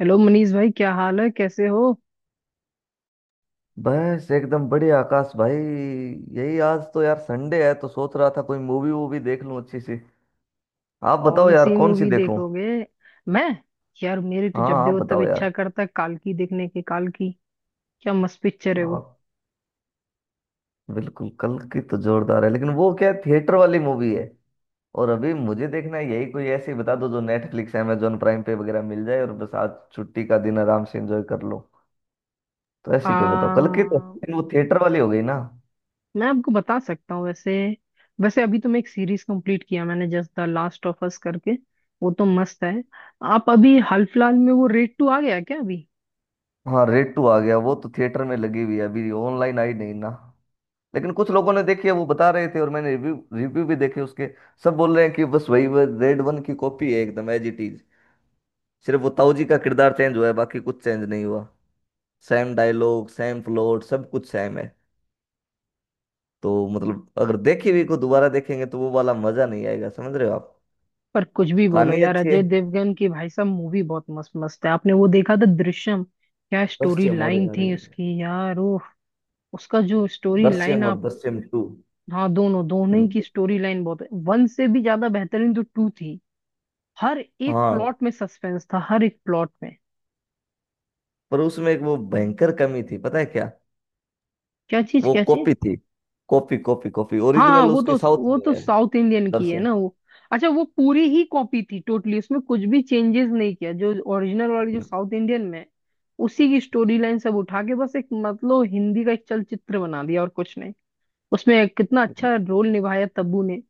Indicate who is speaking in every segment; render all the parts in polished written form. Speaker 1: Hello Manish भाई, क्या हाल है? कैसे हो?
Speaker 2: बस एकदम बढ़िया आकाश भाई। यही आज तो यार संडे है तो सोच रहा था कोई मूवी वूवी देख लूं अच्छी सी। आप बताओ
Speaker 1: कौन
Speaker 2: यार
Speaker 1: सी
Speaker 2: कौन सी
Speaker 1: मूवी
Speaker 2: देखूं।
Speaker 1: देखोगे? मैं? यार मेरी तो जब
Speaker 2: हाँ आप
Speaker 1: देखो तब
Speaker 2: बताओ
Speaker 1: इच्छा
Speaker 2: यार।
Speaker 1: करता है काल्की देखने की। काल्की क्या मस्त पिक्चर है वो।
Speaker 2: हाँ बिल्कुल कल की तो जोरदार है लेकिन वो क्या थिएटर वाली मूवी है। और अभी मुझे देखना है यही कोई ऐसी बता दो जो नेटफ्लिक्स अमेजोन प्राइम पे वगैरह मिल जाए और बस आज छुट्टी का दिन आराम से एंजॉय कर लो। तो
Speaker 1: आ
Speaker 2: ऐसी कोई बताओ कल की तो लेकिन वो थिएटर वाली हो गई ना।
Speaker 1: मैं आपको बता सकता हूँ। वैसे वैसे अभी तो मैं एक सीरीज कंप्लीट किया मैंने, just the last of us करके। वो तो मस्त है। आप अभी हाल फिलहाल में, वो रेड टू आ गया क्या अभी?
Speaker 2: हाँ रेड टू आ गया वो तो थिएटर में लगी हुई है अभी ऑनलाइन आई नहीं ना। लेकिन कुछ लोगों ने देखी है वो बता रहे थे और मैंने रिव्यू रिव्यू भी देखे उसके। सब बोल रहे हैं कि बस वही वह रेड वन की कॉपी है एकदम एज इट इज। सिर्फ वो ताऊ जी का किरदार चेंज हुआ है बाकी कुछ चेंज नहीं हुआ। सेम डायलॉग सेम प्लॉट सब कुछ सेम है। तो मतलब अगर देखी हुई को दोबारा देखेंगे तो वो वाला मजा नहीं आएगा समझ रहे हो आप।
Speaker 1: पर कुछ भी बोलो
Speaker 2: कहानी
Speaker 1: यार,
Speaker 2: अच्छी है।
Speaker 1: अजय देवगन की भाई साहब मूवी बहुत मस्त मस्त है। आपने वो देखा था दृश्यम? क्या स्टोरी
Speaker 2: दृश्यम और
Speaker 1: लाइन
Speaker 2: अरे
Speaker 1: थी
Speaker 2: अरे।
Speaker 1: उसकी यार! ओ, उसका जो स्टोरी लाइन
Speaker 2: दृश्यम और
Speaker 1: आप...
Speaker 2: दृश्यम टू।
Speaker 1: हाँ, दोनों दोनों ही की
Speaker 2: बिल्कुल।
Speaker 1: स्टोरी लाइन बहुत है, वन से भी ज्यादा बेहतरीन तो टू थी। हर एक
Speaker 2: हाँ।
Speaker 1: प्लॉट में सस्पेंस था, हर एक प्लॉट में।
Speaker 2: पर उसमें एक वो भयंकर कमी थी पता है क्या।
Speaker 1: क्या चीज
Speaker 2: वो
Speaker 1: क्या चीज?
Speaker 2: कॉपी थी। कॉपी कॉपी कॉपी
Speaker 1: हाँ हाँ,
Speaker 2: ओरिजिनल
Speaker 1: वो
Speaker 2: उसकी
Speaker 1: तो...
Speaker 2: साउथ
Speaker 1: वो
Speaker 2: में
Speaker 1: तो
Speaker 2: है।
Speaker 1: साउथ इंडियन की है
Speaker 2: दृश्यम।
Speaker 1: ना वो। अच्छा वो पूरी ही कॉपी थी, टोटली उसमें कुछ भी चेंजेस नहीं किया, जो ओरिजिनल वाली जो साउथ इंडियन में है, उसी की स्टोरी लाइन सब उठा के बस एक मतलब हिंदी का एक चलचित्र बना दिया और कुछ नहीं। उसमें कितना
Speaker 2: बिल्कुल।
Speaker 1: अच्छा रोल निभाया तब्बू ने!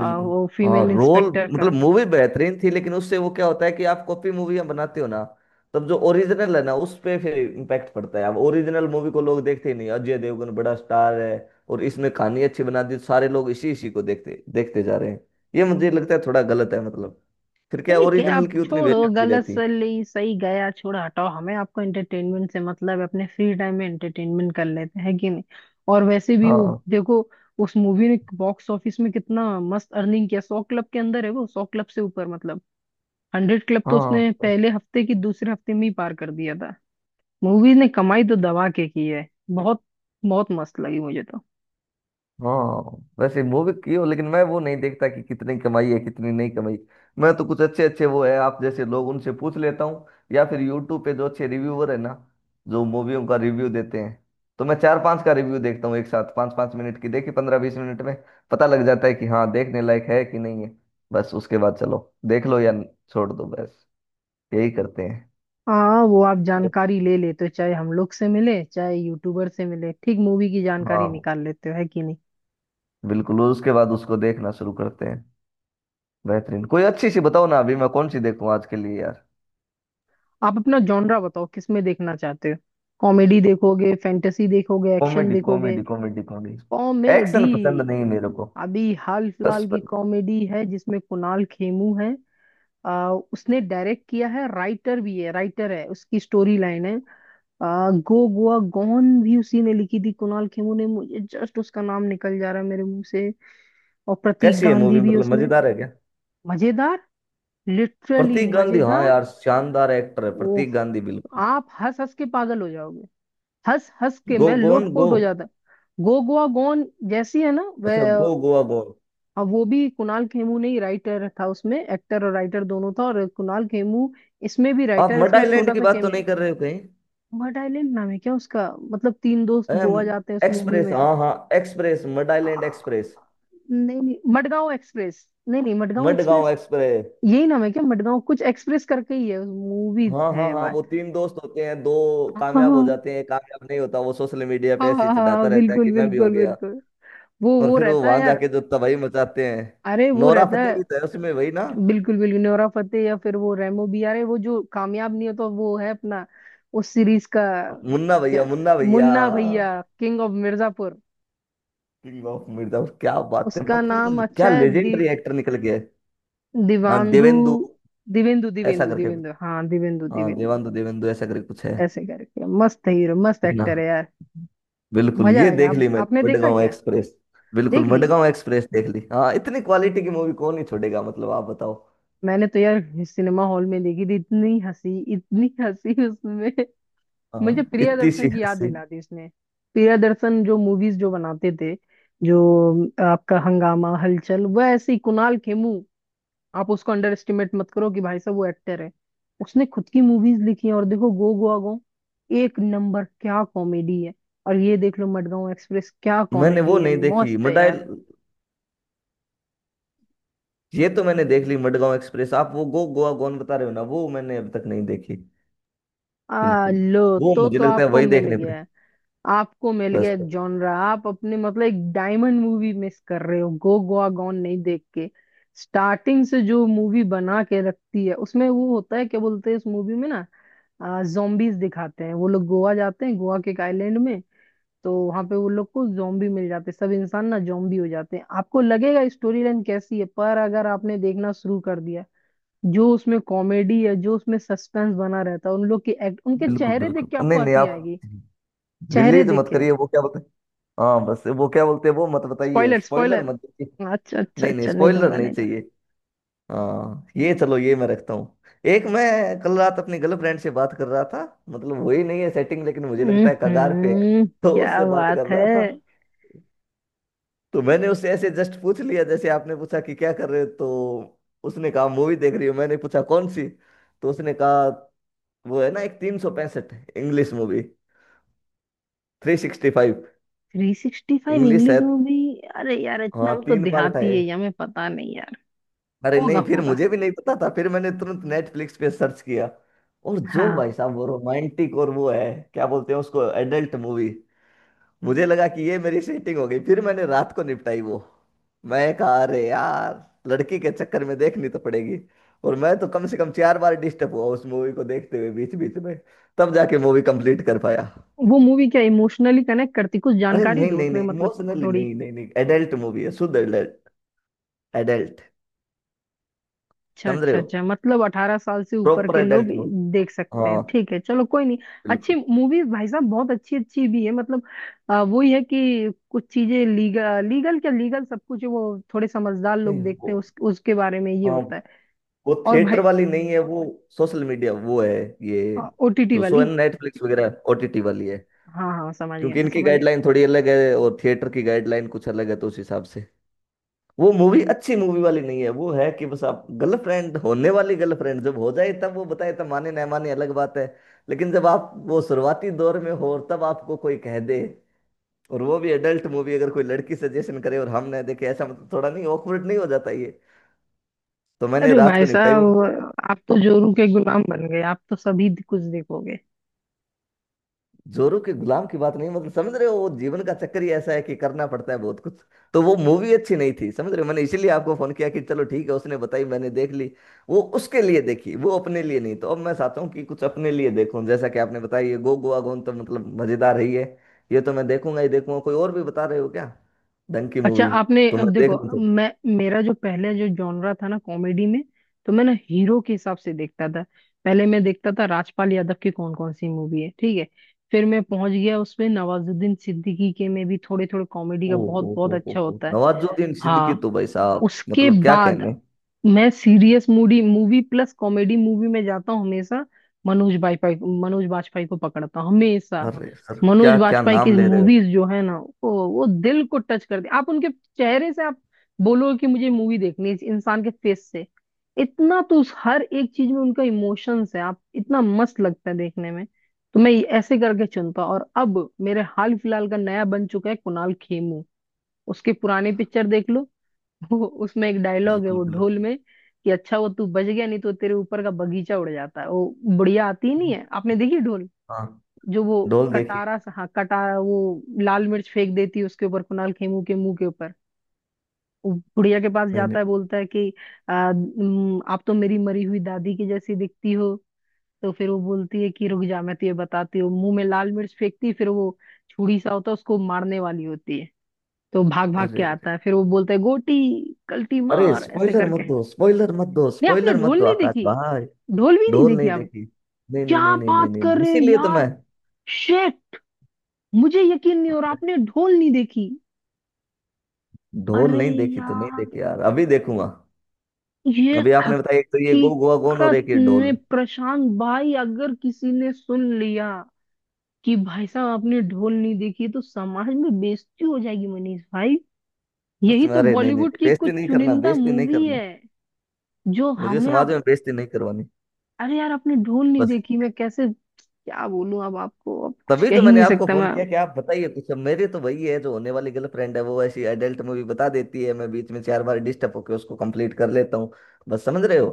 Speaker 1: वो
Speaker 2: हाँ
Speaker 1: फीमेल
Speaker 2: रोल।
Speaker 1: इंस्पेक्टर
Speaker 2: मतलब
Speaker 1: का।
Speaker 2: मूवी बेहतरीन थी लेकिन उससे वो क्या होता है कि आप कॉपी मूवियां बनाते हो ना। तब जो ओरिजिनल है ना उस पे फिर इम्पैक्ट पड़ता है। अब ओरिजिनल मूवी को लोग देखते ही नहीं अजय देवगन बड़ा स्टार है और इसमें कहानी अच्छी बना दी सारे लोग इसी इसी को देखते देखते जा रहे हैं। ये मुझे लगता है थोड़ा गलत है मतलब। फिर क्या
Speaker 1: ठीक है,
Speaker 2: ओरिजिनल
Speaker 1: आप
Speaker 2: की उतनी
Speaker 1: छोड़ो,
Speaker 2: वैल्यू नहीं
Speaker 1: गलत
Speaker 2: रहती।
Speaker 1: सही सही गया, छोड़ो, हटाओ। हमें आपको एंटरटेनमेंट से मतलब है, अपने फ्री टाइम में एंटरटेनमेंट कर लेते हैं कि नहीं। और वैसे भी वो
Speaker 2: हाँ
Speaker 1: देखो, उस मूवी ने बॉक्स ऑफिस में कितना मस्त अर्निंग किया। 100 क्लब के अंदर है वो, 100 क्लब से ऊपर मतलब। 100 क्लब तो
Speaker 2: हाँ
Speaker 1: उसने पहले हफ्ते की, दूसरे हफ्ते में ही पार कर दिया था। मूवी ने कमाई तो दबा के की है बहुत। बहुत मस्त लगी मुझे तो।
Speaker 2: हाँ वैसे वो भी की हो लेकिन मैं वो नहीं देखता कि कितनी कमाई है कितनी नहीं कमाई। मैं तो कुछ अच्छे अच्छे वो है आप जैसे लोग उनसे पूछ लेता हूँ। या फिर यूट्यूब पे जो अच्छे रिव्यूअर है ना जो मूवियों का रिव्यू देते हैं। तो मैं चार पांच का रिव्यू देखता हूँ एक साथ पाँच पाँच मिनट की देखी 15-20 मिनट में पता लग जाता है कि हाँ देखने लायक है कि नहीं है। बस उसके बाद चलो देख लो या छोड़ दो बस। यही करते हैं।
Speaker 1: हाँ वो आप
Speaker 2: तो
Speaker 1: जानकारी ले लेते हो, चाहे हम लोग से मिले चाहे यूट्यूबर से मिले, ठीक मूवी की जानकारी
Speaker 2: हाँ
Speaker 1: निकाल लेते हो, है कि नहीं।
Speaker 2: बिल्कुल उसके बाद उसको देखना शुरू करते हैं। बेहतरीन कोई अच्छी सी बताओ ना अभी मैं कौन सी देखूं आज के लिए यार।
Speaker 1: आप अपना जॉनरा बताओ, किस में देखना चाहते हो? कॉमेडी देखोगे, फैंटेसी देखोगे, एक्शन
Speaker 2: कॉमेडी
Speaker 1: देखोगे?
Speaker 2: Comedy comedy comedy.
Speaker 1: Comedy?
Speaker 2: Action पसंद नहीं मेरे को।
Speaker 1: अभी हाल फिलहाल
Speaker 2: सस।
Speaker 1: की कॉमेडी है जिसमें कुणाल खेमू है। उसने डायरेक्ट किया है, राइटर भी है, राइटर है, उसकी स्टोरी लाइन है। गो गोवा गॉन भी उसी ने लिखी थी, कुणाल खेमू ने। मुझे जस्ट उसका नाम निकल जा रहा है मेरे मुंह से, और प्रतीक
Speaker 2: कैसी है मूवी
Speaker 1: गांधी भी
Speaker 2: मतलब
Speaker 1: उसमें।
Speaker 2: मजेदार है क्या।
Speaker 1: मजेदार, लिटरली
Speaker 2: प्रतीक गांधी हाँ
Speaker 1: मजेदार।
Speaker 2: यार शानदार एक्टर है प्रतीक गांधी
Speaker 1: ओह,
Speaker 2: बिल्कुल।
Speaker 1: आप हंस हंस के पागल हो जाओगे, हंस हंस के
Speaker 2: गो
Speaker 1: मैं
Speaker 2: गोन गो।
Speaker 1: लोटपोट हो जाता। गो गोवा गॉन जैसी है ना
Speaker 2: अच्छा गो
Speaker 1: वह।
Speaker 2: गोवा गो।
Speaker 1: अब वो भी कुणाल खेमू, नहीं राइटर था उसमें, एक्टर और राइटर दोनों था, और कुणाल खेमू इसमें भी
Speaker 2: आप
Speaker 1: राइटर,
Speaker 2: मड
Speaker 1: इसमें
Speaker 2: आइलैंड
Speaker 1: छोटा
Speaker 2: की
Speaker 1: सा
Speaker 2: बात तो नहीं
Speaker 1: कैमियो।
Speaker 2: कर रहे हो कहीं।
Speaker 1: मड आइलैंड नाम है क्या उसका? मतलब तीन दोस्त
Speaker 2: अम,
Speaker 1: गोवा जाते हैं उस मूवी
Speaker 2: एक्सप्रेस
Speaker 1: में।
Speaker 2: हाँ हाँ। Express mud island express.
Speaker 1: आ, नहीं नहीं मडगांव एक्सप्रेस, नहीं नहीं मडगांव
Speaker 2: मडगांव
Speaker 1: एक्सप्रेस।
Speaker 2: एक्सप्रेस।
Speaker 1: यही नाम है क्या? मडगांव कुछ एक्सप्रेस करके ही है मूवी,
Speaker 2: हाँ हाँ
Speaker 1: है
Speaker 2: हाँ
Speaker 1: बात?
Speaker 2: वो तीन दोस्त होते हैं दो
Speaker 1: हाँ
Speaker 2: कामयाब हो
Speaker 1: हाँ
Speaker 2: जाते हैं एक कामयाब नहीं होता वो सोशल मीडिया
Speaker 1: हाँ
Speaker 2: पे ऐसे ही
Speaker 1: हाँ हाँ,
Speaker 2: चढ़ाता रहता है
Speaker 1: बिल्कुल
Speaker 2: कि मैं भी हो
Speaker 1: बिल्कुल
Speaker 2: गया।
Speaker 1: बिल्कुल। वो
Speaker 2: और
Speaker 1: वो
Speaker 2: फिर वो
Speaker 1: रहता है
Speaker 2: वहां
Speaker 1: यार।
Speaker 2: जाके जो तबाही मचाते हैं।
Speaker 1: अरे वो
Speaker 2: नोरा
Speaker 1: रहता
Speaker 2: फतेही
Speaker 1: है।
Speaker 2: भी तो है उसमें वही ना।
Speaker 1: बिल्कुल बिल्कुल, नोरा फतेही, या फिर वो रेमो भी यार है, वो जो कामयाब नहीं होता वो है अपना, उस सीरीज का।
Speaker 2: मुन्ना
Speaker 1: क्या?
Speaker 2: भैया मुन्ना भैया।
Speaker 1: मुन्ना भैया, king of Mirzapur.
Speaker 2: King of Mirzapur क्या बात है
Speaker 1: उसका नाम
Speaker 2: मतलब क्या
Speaker 1: अच्छा है, दि,
Speaker 2: लेजेंडरी एक्टर निकल गए। हाँ
Speaker 1: दिवांदु,
Speaker 2: देवेंदु
Speaker 1: दिवेंदु
Speaker 2: ऐसा
Speaker 1: दिवेंदु
Speaker 2: करके कुछ।
Speaker 1: दिवेंदु, हाँ दिवेंदु
Speaker 2: हाँ
Speaker 1: दिवेंदु
Speaker 2: देवांदु देवेंदु ऐसा करके कुछ है।
Speaker 1: ऐसे करके। मस्त हीरो, मस्त
Speaker 2: ठीक ना।
Speaker 1: एक्टर है यार।
Speaker 2: बिल्कुल
Speaker 1: मजा
Speaker 2: ये
Speaker 1: आएगा।
Speaker 2: देख
Speaker 1: आप,
Speaker 2: ली मैंने
Speaker 1: आपने देखा
Speaker 2: मडगांव
Speaker 1: क्या?
Speaker 2: एक्सप्रेस। बिल्कुल
Speaker 1: देख ली?
Speaker 2: मडगांव एक्सप्रेस देख ली। हाँ इतनी क्वालिटी की मूवी कौन ही छोड़ेगा मतलब आप बताओ।
Speaker 1: मैंने तो यार सिनेमा हॉल में देखी थी, इतनी हंसी उसमें।
Speaker 2: हाँ
Speaker 1: मुझे
Speaker 2: इतनी सी
Speaker 1: प्रियदर्शन की याद
Speaker 2: हंसी।
Speaker 1: दिला दी इसने, प्रियदर्शन जो मूवीज जो बनाते थे, जो आपका हंगामा, हलचल, वह ऐसे ही कुणाल खेमू। आप उसको अंडर एस्टिमेट मत करो कि भाई साहब वो एक्टर है, उसने खुद की मूवीज लिखी हैं। और देखो गो गोवा गो, एक नंबर क्या कॉमेडी है। और ये देख लो मडगांव एक्सप्रेस, क्या
Speaker 2: मैंने वो
Speaker 1: कॉमेडी है,
Speaker 2: नहीं देखी
Speaker 1: मस्त है
Speaker 2: मडाई।
Speaker 1: यार।
Speaker 2: ये तो मैंने देख ली मडगांव एक्सप्रेस। आप वो गो गोवा गॉन बता रहे हो ना वो मैंने अभी तक नहीं देखी।
Speaker 1: आ
Speaker 2: बिल्कुल।
Speaker 1: लो
Speaker 2: वो
Speaker 1: तो
Speaker 2: मुझे
Speaker 1: तो
Speaker 2: लगता है
Speaker 1: आपको
Speaker 2: वही
Speaker 1: मिल
Speaker 2: देखने पड़े।
Speaker 1: गया है। आपको मिल
Speaker 2: बस
Speaker 1: गया एक
Speaker 2: तो।
Speaker 1: जॉनरा। आप अपने मतलब एक डायमंड मूवी मिस कर रहे हो गो गोआ गॉन नहीं देख के। स्टार्टिंग से जो मूवी बना के रखती है उसमें, वो होता है क्या बोलते हैं उस मूवी में ना, जोम्बीज दिखाते हैं। वो लोग गोवा जाते हैं, गोवा के एक आइलैंड में, तो वहां पे वो लोग को जोम्बी मिल जाते हैं। सब इंसान ना जोम्बी हो जाते हैं। आपको लगेगा स्टोरी लाइन कैसी है, पर अगर आपने देखना शुरू कर दिया, जो उसमें कॉमेडी है, जो उसमें सस्पेंस बना रहता है, उन लोग की एक्ट, उनके
Speaker 2: बिल्कुल
Speaker 1: चेहरे देख
Speaker 2: बिल्कुल
Speaker 1: के
Speaker 2: नहीं
Speaker 1: आपको
Speaker 2: नहीं
Speaker 1: हंसी
Speaker 2: आप
Speaker 1: आएगी, चेहरे
Speaker 2: रिलीज
Speaker 1: देख
Speaker 2: मत
Speaker 1: के।
Speaker 2: करिए वो क्या बोलते हैं। हाँ बस वो क्या बोलते हैं वो मत बताइए
Speaker 1: स्पॉइलर,
Speaker 2: स्पॉइलर
Speaker 1: स्पॉइलर?
Speaker 2: मत दीजिए।
Speaker 1: अच्छा अच्छा
Speaker 2: नहीं नहीं
Speaker 1: अच्छा, नहीं
Speaker 2: स्पॉइलर
Speaker 1: दूंगा
Speaker 2: नहीं
Speaker 1: नहीं दूंगा।
Speaker 2: चाहिए। हाँ ये चलो ये मैं रखता हूँ। एक मैं कल रात अपनी गर्लफ्रेंड से बात कर रहा था। मतलब वही नहीं है सेटिंग लेकिन मुझे लगता है कगार पे है।
Speaker 1: हम्म।
Speaker 2: तो
Speaker 1: क्या
Speaker 2: उससे बात कर
Speaker 1: बात है?
Speaker 2: रहा था। तो मैंने उससे ऐसे जस्ट पूछ लिया जैसे आपने पूछा कि क्या कर रहे हो तो उसने कहा मूवी देख रही हूँ मैंने पूछा कौन सी। तो उसने कहा वो है ना एक 365 इंग्लिश मूवी। 365
Speaker 1: 365
Speaker 2: इंग्लिश
Speaker 1: इंग्लिश
Speaker 2: है।
Speaker 1: मूवी? अरे यार, इतना
Speaker 2: हाँ
Speaker 1: हम तो
Speaker 2: तीन पार्ट है।
Speaker 1: देहाती है, हमें पता नहीं यार।
Speaker 2: अरे
Speaker 1: होगा
Speaker 2: नहीं फिर
Speaker 1: होगा,
Speaker 2: मुझे भी नहीं पता था फिर मैंने तुरंत नेटफ्लिक्स पे सर्च किया। और जो
Speaker 1: हाँ।
Speaker 2: भाई साहब वो रोमांटिक और वो है क्या बोलते हैं उसको एडल्ट मूवी। मुझे लगा कि ये मेरी सेटिंग हो गई फिर मैंने रात को निपटाई वो। मैं कहा अरे यार लड़की के चक्कर में देखनी तो पड़ेगी। और मैं तो कम से कम 4 बार डिस्टर्ब हुआ उस मूवी को देखते हुए बीच बीच में। तब जाके मूवी कंप्लीट कर पाया।
Speaker 1: वो मूवी क्या इमोशनली कनेक्ट करती, कुछ
Speaker 2: अरे
Speaker 1: जानकारी
Speaker 2: नहीं
Speaker 1: दो
Speaker 2: नहीं
Speaker 1: उसमें,
Speaker 2: नहीं
Speaker 1: मतलब?
Speaker 2: इमोशनली
Speaker 1: थोड़ी?
Speaker 2: नहीं नहीं नहीं एडल्ट मूवी है शुद्ध एडल्ट। एडल्ट।
Speaker 1: अच्छा
Speaker 2: समझ रहे
Speaker 1: अच्छा
Speaker 2: हो
Speaker 1: अच्छा, मतलब 18 साल से ऊपर
Speaker 2: प्रॉपर
Speaker 1: के लोग
Speaker 2: एडल्ट मूवी।
Speaker 1: देख सकते
Speaker 2: हाँ
Speaker 1: हैं, ठीक है चलो, कोई नहीं। अच्छी
Speaker 2: बिल्कुल।
Speaker 1: मूवी भाई साहब, बहुत अच्छी, अच्छी भी है मतलब। वो ही है कि कुछ चीजें लीगल लीगल क्या लीगल सब कुछ है, वो थोड़े समझदार लोग
Speaker 2: नहीं वो।
Speaker 1: देखते हैं, उस, उसके बारे में ये
Speaker 2: हाँ
Speaker 1: होता है।
Speaker 2: वो
Speaker 1: और
Speaker 2: थिएटर
Speaker 1: भाई?
Speaker 2: वाली नहीं है वो। सोशल मीडिया वो है। ये
Speaker 1: ओटीटी
Speaker 2: जो शो है
Speaker 1: वाली।
Speaker 2: नेटफ्लिक्स वगैरह ओटीटी वाली है।
Speaker 1: हाँ हाँ समझ गया,
Speaker 2: क्योंकि
Speaker 1: मैं
Speaker 2: इनकी
Speaker 1: समझ
Speaker 2: गाइडलाइन
Speaker 1: गया।
Speaker 2: थोड़ी अलग है और थिएटर की गाइडलाइन कुछ अलग है तो उस हिसाब से वो मूवी अच्छी मूवी वाली नहीं है। वो है कि बस आप गर्लफ्रेंड होने वाली गर्लफ्रेंड जब हो जाए तब वो बताए तब माने ना माने अलग बात है। लेकिन जब आप वो शुरुआती दौर में हो और तब आपको कोई कह दे और वो भी एडल्ट मूवी अगर कोई लड़की सजेशन करे और हम ना देखे ऐसा मतलब थोड़ा नहीं ऑकवर्ड नहीं हो जाता ये। तो मैंने
Speaker 1: अरे
Speaker 2: रात को
Speaker 1: भाई
Speaker 2: निपटाई वो।
Speaker 1: साहब, आप तो जोरू के गुलाम बन गए, आप तो सभी कुछ देखोगे।
Speaker 2: जोरू के गुलाम की बात नहीं मतलब समझ रहे हो वो जीवन का चक्कर ही ऐसा है कि करना पड़ता है बहुत कुछ। तो वो मूवी अच्छी नहीं थी समझ रहे हो मैंने इसीलिए आपको फोन किया कि चलो ठीक है उसने बताई मैंने देख ली। वो उसके लिए देखी वो अपने लिए नहीं तो अब मैं चाहता हूँ कि कुछ अपने लिए देखूं जैसा कि आपने बताया ये गो गोवा गॉन तो मतलब मजेदार ही है। ये तो मैं देखूंगा ही देखूंगा कोई और भी बता रहे हो क्या। ढंग की
Speaker 1: अच्छा
Speaker 2: मूवी
Speaker 1: आपने
Speaker 2: तो मैं
Speaker 1: अब
Speaker 2: देख
Speaker 1: देखो,
Speaker 2: लूँ तो।
Speaker 1: मैं, मेरा जो पहले जो जॉनरा था ना कॉमेडी में, तो मैं ना हीरो के हिसाब से देखता था। पहले मैं देखता था राजपाल यादव की कौन कौन सी मूवी है, ठीक है। फिर मैं पहुंच गया उसमें नवाजुद्दीन सिद्दीकी के, में भी थोड़े थोड़े कॉमेडी का
Speaker 2: ओ
Speaker 1: बहुत बहुत अच्छा
Speaker 2: हो
Speaker 1: होता है।
Speaker 2: नवाजुद्दीन सिद्दीकी
Speaker 1: हाँ,
Speaker 2: तो भाई साहब
Speaker 1: उसके
Speaker 2: मतलब क्या
Speaker 1: बाद
Speaker 2: कहने।
Speaker 1: मैं serious moody movie plus comedy movie में जाता हूँ हमेशा। मनोज बाजपेयी, मनोज बाजपेयी को पकड़ता हूँ हमेशा।
Speaker 2: अरे सर
Speaker 1: मनोज
Speaker 2: क्या क्या
Speaker 1: बाजपेयी की
Speaker 2: नाम ले रहे हो।
Speaker 1: मूवीज जो है ना, वो दिल को टच करती। आप उनके चेहरे से आप बोलोगे कि मुझे मूवी देखनी है इस इंसान के फेस से। इतना तो उस हर एक चीज में उनका इमोशंस है, आप इतना मस्त लगता है देखने में। तो मैं ये ऐसे करके चुनता हूं। और अब मेरे हाल फिलहाल का नया बन चुका है कुणाल खेमू, उसके पुराने पिक्चर देख लो। वो उसमें एक डायलॉग है
Speaker 2: बिल्कुल
Speaker 1: वो
Speaker 2: बिल्कुल।
Speaker 1: ढोल में, कि अच्छा वो तू बच गया, नहीं तो तेरे ऊपर का बगीचा उड़ जाता है, वो बुढ़िया आती ही नहीं है। आपने देखी ढोल?
Speaker 2: हाँ
Speaker 1: जो वो
Speaker 2: डोल देखिए।
Speaker 1: कटारा सा, हाँ कटारा, वो लाल मिर्च फेंक देती है उसके ऊपर, कुणाल खेमू के मुंह के ऊपर। वो बुढ़िया के पास
Speaker 2: नहीं
Speaker 1: जाता
Speaker 2: नहीं।
Speaker 1: है, बोलता है कि आप तो मेरी मरी हुई दादी की जैसी दिखती हो।" तो फिर वो बोलती है कि रुक जा मैं तुझे बताती हूँ, मुंह में लाल मिर्च फेंकती है, फिर वो छुरी सा होता है, उसको मारने वाली होती है, तो भाग भाग के
Speaker 2: अरे
Speaker 1: आता
Speaker 2: अरे
Speaker 1: है, फिर वो बोलता है गोटी, कल्टी
Speaker 2: अरे
Speaker 1: मार ऐसे
Speaker 2: स्पॉइलर मत
Speaker 1: करके।
Speaker 2: दो स्पॉइलर मत दो
Speaker 1: नहीं, आपने
Speaker 2: स्पॉइलर मत
Speaker 1: ढोल
Speaker 2: दो
Speaker 1: नहीं
Speaker 2: आकाश
Speaker 1: देखी?
Speaker 2: भाई।
Speaker 1: ढोल भी नहीं
Speaker 2: ढोल
Speaker 1: देखी
Speaker 2: नहीं
Speaker 1: आपने?
Speaker 2: देखी। नहीं नहीं
Speaker 1: क्या
Speaker 2: नहीं नहीं नहीं
Speaker 1: बात
Speaker 2: नहीं
Speaker 1: कर
Speaker 2: नहीं।
Speaker 1: रहे हो
Speaker 2: इसीलिए तो मैं।
Speaker 1: यार? शेट, मुझे यकीन नहीं हो रहा आपने ढोल नहीं देखी।
Speaker 2: ढोल
Speaker 1: अरे
Speaker 2: नहीं देखी तो नहीं
Speaker 1: यार,
Speaker 2: देखी यार अभी देखूंगा।
Speaker 1: ये
Speaker 2: अभी आपने बताया एक तो ये गो गोवा गोन और
Speaker 1: हकीकत
Speaker 2: एक ये
Speaker 1: में
Speaker 2: ढोल।
Speaker 1: प्रशांत भाई, अगर किसी ने सुन लिया कि भाई साहब आपने ढोल नहीं देखी, तो समाज में बेइज्जती हो जाएगी मनीष भाई।
Speaker 2: सच
Speaker 1: यही
Speaker 2: में
Speaker 1: तो
Speaker 2: अरे नहीं नहीं
Speaker 1: बॉलीवुड
Speaker 2: नहीं,
Speaker 1: की
Speaker 2: बेइज्जती
Speaker 1: कुछ
Speaker 2: नहीं करना
Speaker 1: चुनिंदा
Speaker 2: बेइज्जती नहीं
Speaker 1: मूवी
Speaker 2: करना।
Speaker 1: है जो
Speaker 2: मुझे
Speaker 1: हमें
Speaker 2: समाज
Speaker 1: आप...
Speaker 2: में बेइज्जती नहीं करवानी।
Speaker 1: अरे यार आपने ढोल नहीं
Speaker 2: बस।
Speaker 1: देखी, मैं कैसे क्या बोलूं अब आपको, अब कुछ
Speaker 2: तभी
Speaker 1: कह
Speaker 2: तो
Speaker 1: ही
Speaker 2: मैंने
Speaker 1: नहीं
Speaker 2: आपको
Speaker 1: सकता
Speaker 2: फोन
Speaker 1: मैं।
Speaker 2: किया कि आप बताइए कुछ अब मेरी तो वही है जो होने वाली गर्लफ्रेंड है वो ऐसी एडल्ट मूवी बता देती है मैं बीच में 4 बार डिस्टर्ब होकर उसको कंप्लीट कर लेता हूँ बस समझ रहे हो।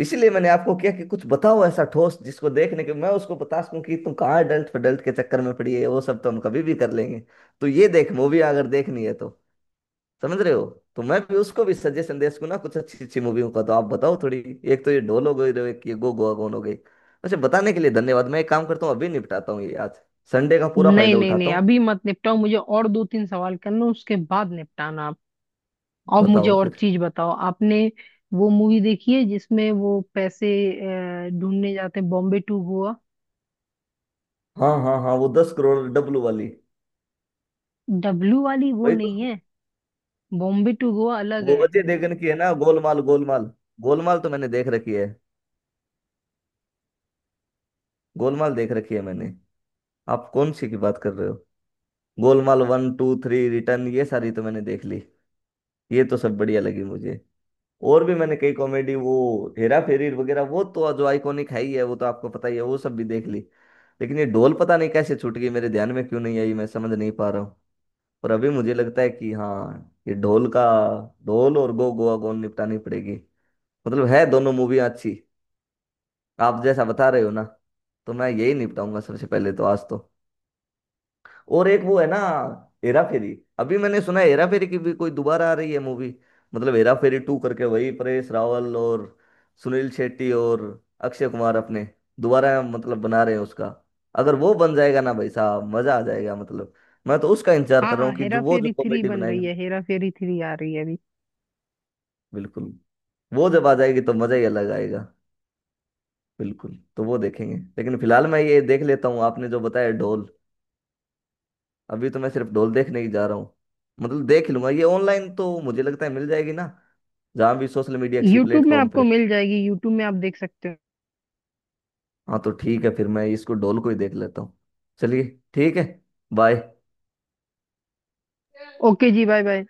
Speaker 2: इसीलिए मैंने आपको किया कि कुछ बताओ ऐसा ठोस जिसको देखने के मैं उसको बता सकूं कि तुम कहाँ डल्ट फडल्ट के चक्कर में पड़ी है वो सब तो हम कभी भी कर लेंगे। तो ये देख मूवी अगर देखनी है तो समझ रहे हो तो मैं भी उसको भी सजेशन दे सकूं ना कुछ अच्छी अच्छी मूवियों का तो आप बताओ थोड़ी। एक तो ये ढोल हो गई तो एक ये गो गोवा कौन हो गई। वैसे बताने के लिए धन्यवाद मैं एक काम करता हूँ अभी निपटाता हूँ ये आज। संडे का पूरा
Speaker 1: नहीं
Speaker 2: फायदा
Speaker 1: नहीं
Speaker 2: उठाता
Speaker 1: नहीं,
Speaker 2: हूँ।
Speaker 1: अभी मत निपटाओ, मुझे और दो तीन सवाल करना, उसके बाद निपटाना आप। अब मुझे
Speaker 2: बताओ
Speaker 1: और
Speaker 2: फिर।
Speaker 1: चीज बताओ। आपने वो मूवी देखी है जिसमें वो पैसे ढूंढने जाते हैं, बॉम्बे टू गोवा?
Speaker 2: हाँ हाँ हाँ वो 10 करोड़ डब्लू वाली।
Speaker 1: डब्लू वाली वो
Speaker 2: वही तो।
Speaker 1: नहीं है, बॉम्बे टू गोवा अलग
Speaker 2: वो
Speaker 1: है।
Speaker 2: अजय देवगन की है ना गोलमाल गोलमाल। गोलमाल तो मैंने देख रखी है। गोलमाल देख रखी है मैंने। आप कौन सी की बात कर रहे हो। Golmaal one two three return ये सारी तो मैंने देख ली। ये तो सब बढ़िया लगी मुझे। और भी मैंने कई कॉमेडी वो हेरा फेरी वगैरह वो तो जो आइकॉनिक है ही है वो तो आपको पता ही है वो सब भी देख ली। लेकिन ये ढोल पता नहीं कैसे छूट गई मेरे ध्यान में क्यों नहीं आई मैं समझ नहीं पा रहा हूँ। पर अभी मुझे लगता है कि हाँ ये ढोल का ढोल और गो गोवा गोन निपटानी पड़ेगी। मतलब है दोनों मूवियाँ अच्छी आप जैसा बता रहे हो ना। तो मैं यही निपटाऊंगा सबसे पहले तो आज तो। और एक वो है ना हेरा फेरी। अभी मैंने सुना है हेरा फेरी की भी कोई दोबारा आ रही है मूवी मतलब हेरा फेरी टू करके वही परेश रावल और सुनील शेट्टी और अक्षय कुमार अपने दोबारा मतलब बना रहे हैं उसका। अगर वो बन जाएगा ना भाई साहब मजा आ जाएगा मतलब मैं तो उसका इंतजार
Speaker 1: हाँ
Speaker 2: कर रहा
Speaker 1: हाँ,
Speaker 2: हूँ कि
Speaker 1: हेरा
Speaker 2: जो वो जो
Speaker 1: फेरी थ्री
Speaker 2: कॉमेडी
Speaker 1: बन रही
Speaker 2: बनाएंगे।
Speaker 1: है, हेरा फेरी 3 आ रही है अभी।
Speaker 2: बिल्कुल। वो जब आ जाएगी तो मजा ही अलग आएगा। बिल्कुल तो वो देखेंगे लेकिन फिलहाल मैं ये देख लेता हूँ आपने जो बताया ढोल। अभी तो मैं सिर्फ ढोल देखने ही जा रहा हूँ मतलब देख लूंगा ये ऑनलाइन तो मुझे लगता है मिल जाएगी ना जहाँ भी सोशल मीडिया किसी
Speaker 1: यूट्यूब में
Speaker 2: प्लेटफॉर्म
Speaker 1: आपको
Speaker 2: पे।
Speaker 1: मिल जाएगी, यूट्यूब में आप देख सकते
Speaker 2: हाँ तो ठीक है फिर मैं इसको ढोल को ही देख लेता हूँ। चलिए ठीक है बाय।
Speaker 1: हो। ओके जी, बाय बाय।